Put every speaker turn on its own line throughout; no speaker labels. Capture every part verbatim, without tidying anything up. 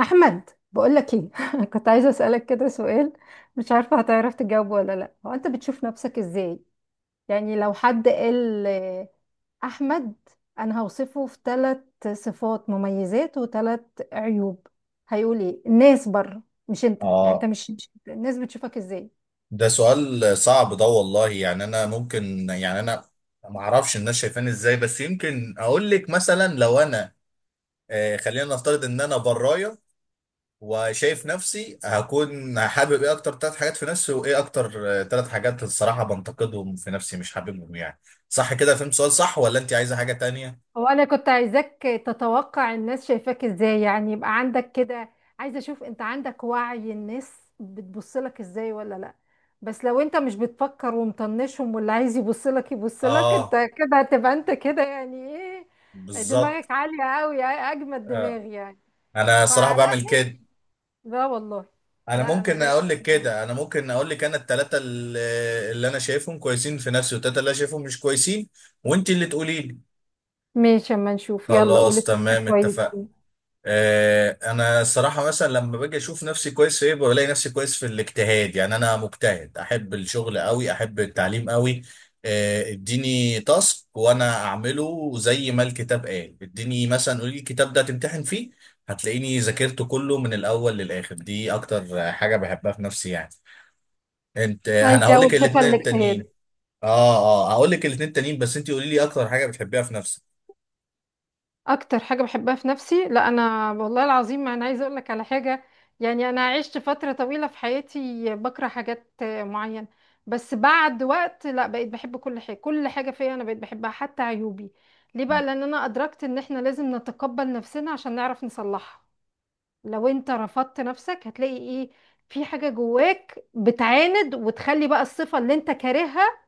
احمد بقول لك ايه كنت عايزه اسالك كده سؤال. مش عارفه هتعرف تجاوب ولا لا، هو انت بتشوف نفسك ازاي؟ يعني لو حد قال آه، احمد، انا هوصفه في ثلاث صفات مميزات وثلاث عيوب، هيقول ايه؟ الناس بره، مش انت، يعني انت
اه،
مش مش- انت. الناس بتشوفك ازاي؟
ده سؤال صعب ده والله. يعني انا ممكن يعني انا ما اعرفش الناس شايفاني ازاي، بس يمكن اقول لك مثلا لو انا آه خلينا نفترض ان انا برايه وشايف نفسي هكون حابب ايه اكتر ثلاث حاجات في نفسي، وايه اكتر ثلاث حاجات الصراحه بنتقدهم في نفسي مش حاببهم يعني. صح كده، فهمت سؤال صح ولا انت عايزه حاجه تانية؟
هو انا كنت عايزاك تتوقع الناس شايفاك ازاي، يعني يبقى عندك كده، عايزه اشوف انت عندك وعي الناس بتبص لك ازاي ولا لا. بس لو انت مش بتفكر ومطنشهم واللي عايز يبص لك يبص لك، انت
اه،
كده هتبقى انت كده يعني. ايه،
بالظبط.
دماغك عاليه قوي، اجمد
آه.
دماغ يعني.
انا الصراحه
فلا،
بعمل كده.
لا والله.
انا
لا انا
ممكن
دايما.
اقول لك كده، انا ممكن اقول لك انا الثلاثه اللي اللي انا شايفهم كويسين في نفسي والثلاثه اللي انا شايفهم مش كويسين، وانت اللي تقولي لي.
ماشي، اما نشوف، يلا قولي
خلاص
ثلاثه
تمام، اتفقنا.
كويسين.
آه انا الصراحه مثلا لما باجي اشوف نفسي كويس في ايه بلاقي نفسي كويس في الاجتهاد. يعني انا مجتهد، احب الشغل قوي، احب التعليم قوي. آه اديني تاسك وانا اعمله زي ما الكتاب قال. اديني مثلا، قولي لي الكتاب ده تمتحن فيه هتلاقيني ذاكرته كله من الاول للاخر. دي اكتر حاجه بحبها في نفسي يعني. انت، انا هقول لك
هيجاوب صفه
الاثنين
الاجتهاد.
التانيين. اه اه، هقول لك الاثنين التانيين بس انت قولي لي اكتر حاجه بتحبيها في نفسك.
اكتر حاجه بحبها في نفسي، لا انا والله العظيم ما انا عايزه اقول لك على حاجه. يعني انا عشت فتره طويله في حياتي بكره حاجات معينه، بس بعد وقت لا، بقيت بحب كل حاجه، كل حاجه فيا انا بقيت بحبها حتى عيوبي. ليه بقى؟ لان انا ادركت ان احنا لازم نتقبل نفسنا عشان نعرف نصلحها. لو انت رفضت نفسك هتلاقي ايه؟ في حاجه جواك بتعاند وتخلي بقى الصفه اللي انت كارهها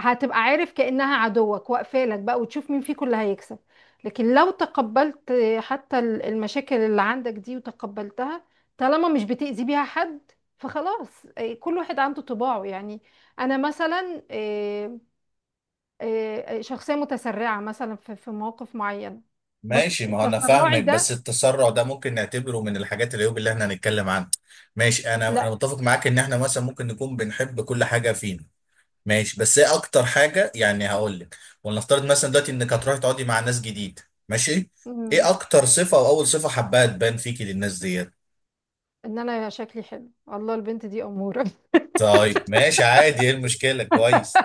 هتبقى عارف كأنها عدوك، واقفة لك بقى وتشوف مين فيكم اللي هيكسب. لكن لو تقبلت حتى ال- المشاكل اللي عندك دي وتقبلتها، طالما مش بتأذي بيها حد فخلاص. إيه، كل واحد عنده طباعه يعني. انا مثلا إيه، إيه، شخصية متسرعة مثلا في في مواقف معينة. بس
ماشي، ما هو انا
تسرعي
فاهمك،
ده.
بس التسرع ده ممكن نعتبره من الحاجات العيوب اللي احنا هنتكلم عنها. ماشي، انا انا
لا.
متفق معاك ان احنا مثلا ممكن نكون بنحب كل حاجه فينا. ماشي، بس ايه اكتر حاجه يعني هقول لك. ولنفترض مثلا دلوقتي انك هتروحي تقعدي مع ناس جديد. ماشي.
مم،
ايه اكتر صفه، او اول صفه حباها تبان فيكي للناس ديت؟
ان انا شكلي حلو، الله البنت دي أمورة.
طيب ماشي، عادي، ايه المشكله؟ كويس.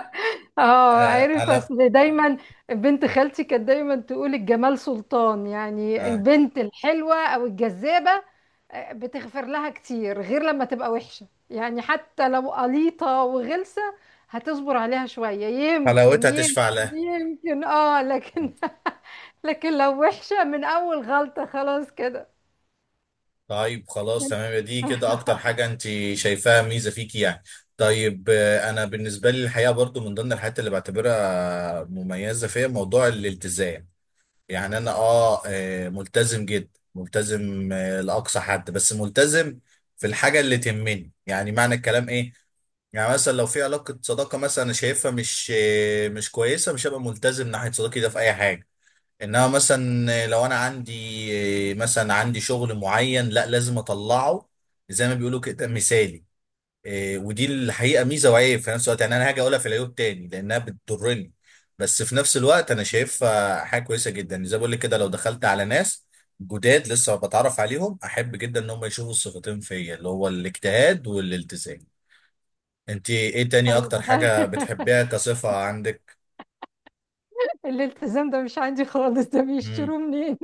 اه
آه
عارف،
انا.
اصل دايما بنت خالتي كانت دايما تقول الجمال سلطان، يعني
آه،
البنت الحلوة او الجذابة آه، بتغفر لها كتير، غير لما تبقى وحشة، يعني حتى لو قليطة وغلسة هتصبر عليها شوية، يمكن
حلاوتها
يمكن.
تشفع لها.
يمكن اه، لكن لكن لو وحشة من اول غلطة خلاص كده.
طيب خلاص تمام، يا دي كده اكتر حاجة انت شايفاها ميزة فيكي يعني. طيب آه، انا بالنسبة لي الحقيقة برضو من ضمن الحاجات اللي بعتبرها مميزة فيها موضوع الالتزام. يعني انا اه آه، ملتزم جدا، ملتزم، آه، لأقصى حد، بس ملتزم في الحاجة اللي تهمني. يعني معنى الكلام ايه؟ يعني مثلا لو في علاقة صداقة مثلا انا شايفها مش آه، مش كويسة، مش هبقى ملتزم ناحية صداقتي ده في اي حاجة. انما مثلا لو انا عندي مثلا عندي شغل معين، لا لازم اطلعه زي ما بيقولوا كده، مثالي. إيه، ودي الحقيقه ميزه وعيب في نفس الوقت. يعني انا هاجي اقولها في العيوب تاني لانها بتضرني، بس في نفس الوقت انا شايفها حاجه كويسه جدا. زي ما بقول لك كده، لو دخلت على ناس جداد لسه بتعرف عليهم، احب جدا ان هم يشوفوا الصفتين فيا، اللي هو الاجتهاد والالتزام. انت ايه تاني
طيب
اكتر حاجه بتحبيها كصفه عندك؟
الالتزام ده مش عندي خالص، ده
امم
بيشتروه منين؟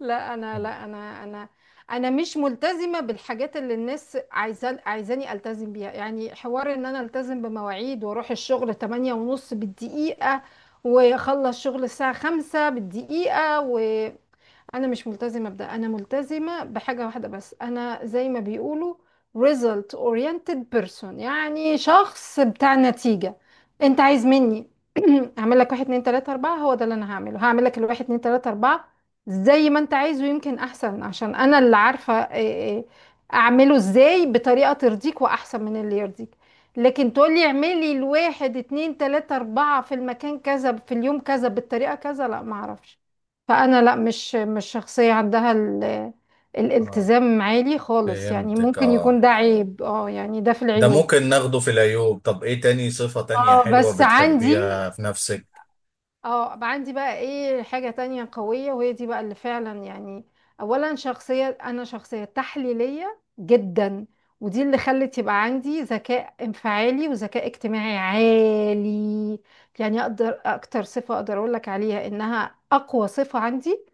لا انا لا انا انا انا مش ملتزمه بالحاجات اللي الناس عايزه عايزاني التزم بيها، يعني حوار ان انا التزم بمواعيد واروح الشغل تمانية ونص بالدقيقه واخلص شغل الساعه خمسة بالدقيقه. انا مش ملتزمه بده، انا ملتزمه بحاجه واحده بس، انا زي ما بيقولوا result oriented person، يعني شخص بتاع نتيجه. انت عايز مني اعمل لك واحد اتنين تلاته اربعه، هو ده اللي انا هعمله، هعمل لك الواحد اتنين تلاته اربعه زي ما انت عايزه، يمكن احسن، عشان انا اللي عارفه إيه- إيه اعمله ازاي بطريقه ترضيك واحسن من اللي يرضيك. لكن تقولي اعملي الواحد اتنين تلاته اربعه في المكان كذا في اليوم كذا بالطريقه كذا، لا معرفش. فانا لا، مش مش شخصيه عندها ال-
اه،
الالتزام عالي خالص، يعني
فهمتك.
ممكن
اه
يكون ده عيب، اه يعني ده في
ده
العيوب.
ممكن ناخده في العيوب. طب ايه تاني، صفة تانية
اه
حلوة
بس عندي،
بتحبيها في نفسك؟
اه عندي بقى ايه حاجه تانية قويه، وهي دي بقى اللي فعلا يعني. اولا شخصيه، انا شخصيه تحليليه جدا، ودي اللي خلت يبقى عندي ذكاء انفعالي وذكاء اجتماعي عالي. يعني اقدر، اكتر صفه اقدر اقول لك عليها انها اقوى صفه عندي،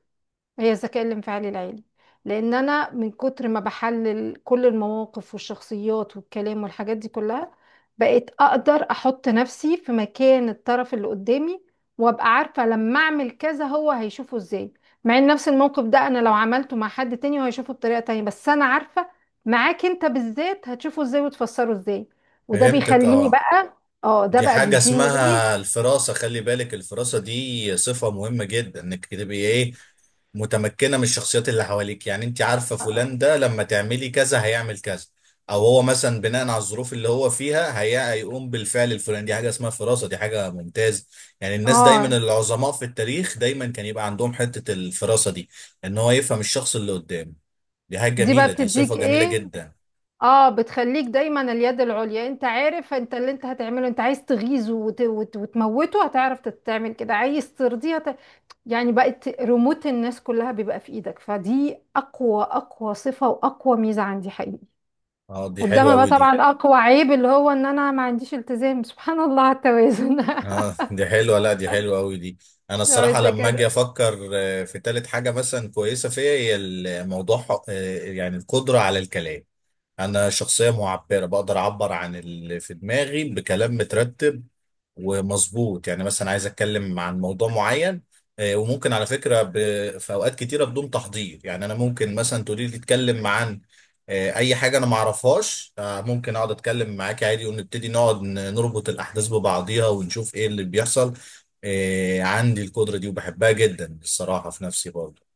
هي الذكاء الانفعالي العالي. لان انا من كتر ما بحلل كل المواقف والشخصيات والكلام والحاجات دي كلها، بقيت اقدر احط نفسي في مكان الطرف اللي قدامي، وابقى عارفة لما اعمل كذا هو هيشوفه ازاي. مع ان نفس الموقف ده انا لو عملته مع حد تاني هو هيشوفه بطريقة تانية، بس انا عارفة معاك انت بالذات هتشوفه ازاي وتفسره ازاي. وده
فهمتك.
بيخليني
اه،
بقى. اه ده
دي
بقى
حاجة
بيديني ايه.
اسمها الفراسة. خلي بالك، الفراسة دي صفة مهمة جدا، انك تبقي ايه، متمكنة من الشخصيات اللي حواليك. يعني انت عارفة
اه
فلان ده لما تعملي كذا هيعمل كذا، او هو مثلا بناء على الظروف اللي هو فيها هي- هيقوم بالفعل الفلاني. دي حاجة اسمها فراسة، دي حاجة ممتازة. يعني
آه،
الناس دايما،
آه،
العظماء في التاريخ دايما كان يبقى عندهم حتة الفراسة دي. ان هو يفهم الشخص اللي قدامه. دي حاجة
دي بقى
جميلة، دي
بتديك
صفة جميلة
ايه.
جدا.
اه، بتخليك دايما اليد العليا، انت عارف انت اللي انت هتعمله، انت عايز تغيظه وت... وت... وتموته هتعرف تعمل كده، عايز ترضيه هت... يعني بقت ريموت الناس كلها بيبقى في ايدك، فدي اقوى اقوى صفة واقوى ميزة عندي حقيقي.
اه دي حلوة
قدامها بقى
أوي دي.
طبعا اقوى عيب اللي هو ان انا ما عنديش التزام، سبحان الله على التوازن
اه دي حلوة، لا دي حلوة أوي دي. أنا
لو
الصراحة
انت
لما أجي
كده.
أفكر آه، في تالت حاجة مثلا كويسة فيا، هي الموضوع آه، يعني القدرة على الكلام. انا شخصية معبرة، بقدر اعبر عن اللي في دماغي بكلام مترتب ومظبوط. يعني مثلا عايز اتكلم عن موضوع معين، آه، وممكن على فكرة ب... في اوقات كتيرة بدون تحضير. يعني انا ممكن مثلا تقولي لي اتكلم عن آه، اي حاجة انا ما اعرفهاش، آه، ممكن اقعد اتكلم معاكي عادي ونبتدي نقعد ن- نربط الاحداث ببعضيها ونشوف ايه اللي بيحصل. آه، عندي القدرة دي وبحبها جدا الصراحة في نفسي برضه.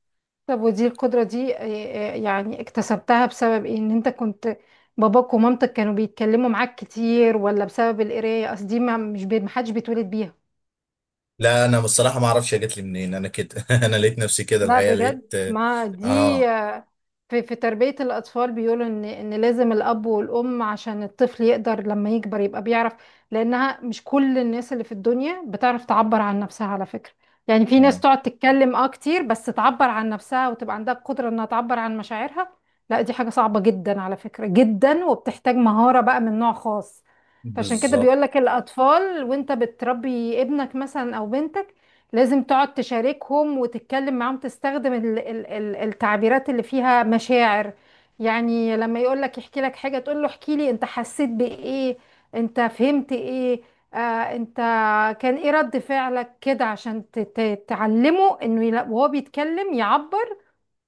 طب ودي القدرة دي آه، آه، يعني اكتسبتها بسبب ايه؟ ان انت كنت باباك ومامتك كانوا بيتكلموا معاك كتير، ولا بسبب القراية؟ قصدي ما مش بي- محدش بيتولد بيها.
لا انا بصراحه ما اعرفش هي جت لي منين. انا كده انا لقيت نفسي كده
لا
الحقيقه، لقيت.
بجد ما دي
اه
آه، في في تربية الأطفال بيقولوا إن إن لازم الأب والأم عشان الطفل يقدر لما يكبر يبقى بيعرف. لأنها مش كل الناس اللي في الدنيا بتعرف تعبر عن نفسها على فكرة. يعني في ناس
اه،
تقعد تتكلم أه كتير بس تعبر عن نفسها وتبقى عندها القدرة إنها تعبر عن مشاعرها، لا دي حاجة صعبة جدا على فكرة، جدا، وبتحتاج مهارة بقى من نوع خاص. فعشان كده
بالظبط.
بيقولك الأطفال وأنت بتربي ابنك مثلا أو بنتك لازم تقعد تشاركهم وتتكلم معاهم، تستخدم ال- ال- ال- التعبيرات اللي فيها مشاعر. يعني لما يقول لك يحكي لك حاجة تقول له احكي لي، انت حسيت بإيه؟ انت فهمت إيه؟ آه، انت، كان ايه رد فعلك كده، عشان ت- ت- تعلمه انه يلا- وهو بيتكلم يعبر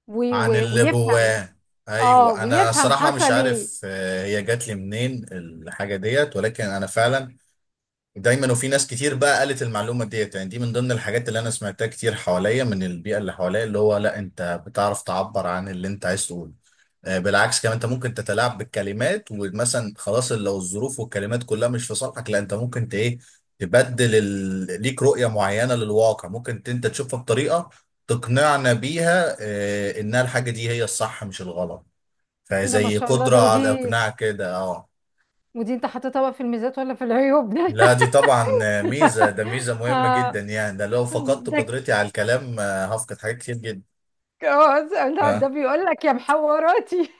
وي-
عن
وي-
اللي
ويفهم.
جواه.
اه
ايوه، انا
ويفهم
صراحه مش
حصل ايه.
عارف آه، هي جات لي منين الحاجه ديت، ولكن انا فعلا دايما. وفي ناس كتير بقى قالت المعلومه ديت، يعني دي من ضمن الحاجات اللي انا سمعتها كتير حواليا من البيئه اللي حواليا، اللي هو لا انت بتعرف تعبر عن اللي انت عايز تقوله. آه، بالعكس كمان، انت ممكن تتلاعب بالكلمات، ومثلا خلاص لو الظروف والكلمات كلها مش في صالحك، لا انت ممكن ت- ايه، تبدل ال... ليك رؤية معينة للواقع، ممكن ت- انت تشوفها بطريقة تقنعنا بيها، اه، انها الحاجة دي هي الصح مش الغلط.
إيه ده، ما
فزي
شاء الله،
قدرة
ده
على
ودي،
اقناع كده، اه.
ودي انت حطيتها بقى في الميزات ولا في العيوب؟ ده
لا دي طبعا آه، ميزة، ده ميزة مهمة جدا.
آه
يعني ده لو فقدت
ده
قدرتي على الكلام آه، هفقد حاجات كتير جدا.
جواز. لا، ده
آه.
بيقول لك يا محوراتي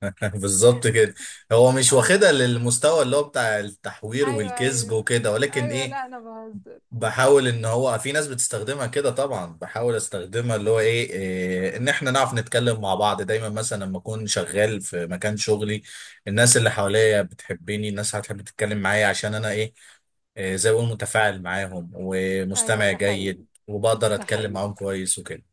بالظبط كده. هو مش
على
واخدها للمستوى اللي هو بتاع التحوير
ايوه
والكذب
ايوه،
وكده، ولكن
ايوه
ايه،
لا انا بهزر.
بحاول. ان هو في ناس بتستخدمها كده طبعا، بحاول استخدمها اللي هو ايه, إيه ان احنا نعرف نتكلم مع بعض دايما. مثلا لما اكون شغال في مكان شغلي الناس اللي حواليا بتحبني، الناس هتحب تتكلم معايا عشان انا ايه, إيه زي ما بقول متفاعل معاهم
ايوه
ومستمع
ده
جيد
حقيقي،
وبقدر
ده
اتكلم
حقيقي.
معاهم كويس وكده.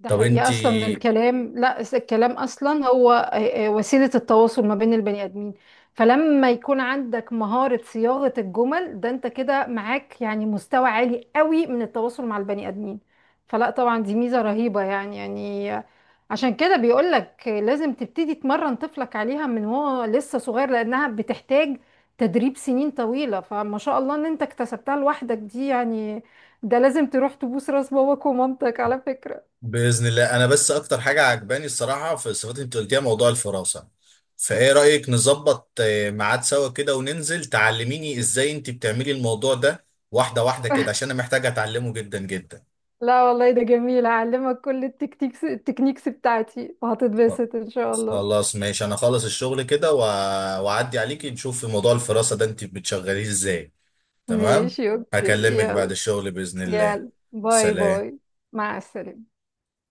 ده
طب
حقيقة، أصلا
انتي،
الكلام، لا س- الكلام أصلا هو آه، آه، وسيلة التواصل ما بين البني آدمين. فلما يكون عندك مهارة صياغة الجمل ده أنت كده معاك يعني مستوى عالي قوي من التواصل مع البني آدمين. فلا طبعا دي ميزة رهيبة يعني. يعني آه، عشان كده بيقولك آه، لازم تبتدي تمرن طفلك عليها من هو لسه صغير، لأنها بتحتاج تدريب سنين طويلة. فما شاء الله إن أنت اكتسبتها لوحدك، دي يعني ده لازم تروح تبوس راس باباك ومامتك على فكرة.
باذن الله انا بس اكتر حاجه عجباني الصراحه في الصفات اللي انت قلتيها موضوع الفراسه. فايه رايك نظبط آه، ميعاد سوا كده وننزل تعلميني ازاي انت بتعملي الموضوع ده، واحده واحده كده، عشان انا محتاجه اتعلمه جدا جدا.
لا والله ده جميل، هعلمك كل التكتيكس التكنيكس بتاعتي
خ-
وهتتبسط ان شاء الله.
خلاص ماشي، انا خلص الشغل كده وأ- واعدي عليكي نشوف في موضوع الفراسه ده انت بتشغليه ازاي. تمام.
ماشي اوكي.
هكلمك بعد
يلا،
الشغل باذن الله.
يلا باي باي.
سلام.
مع السلامة.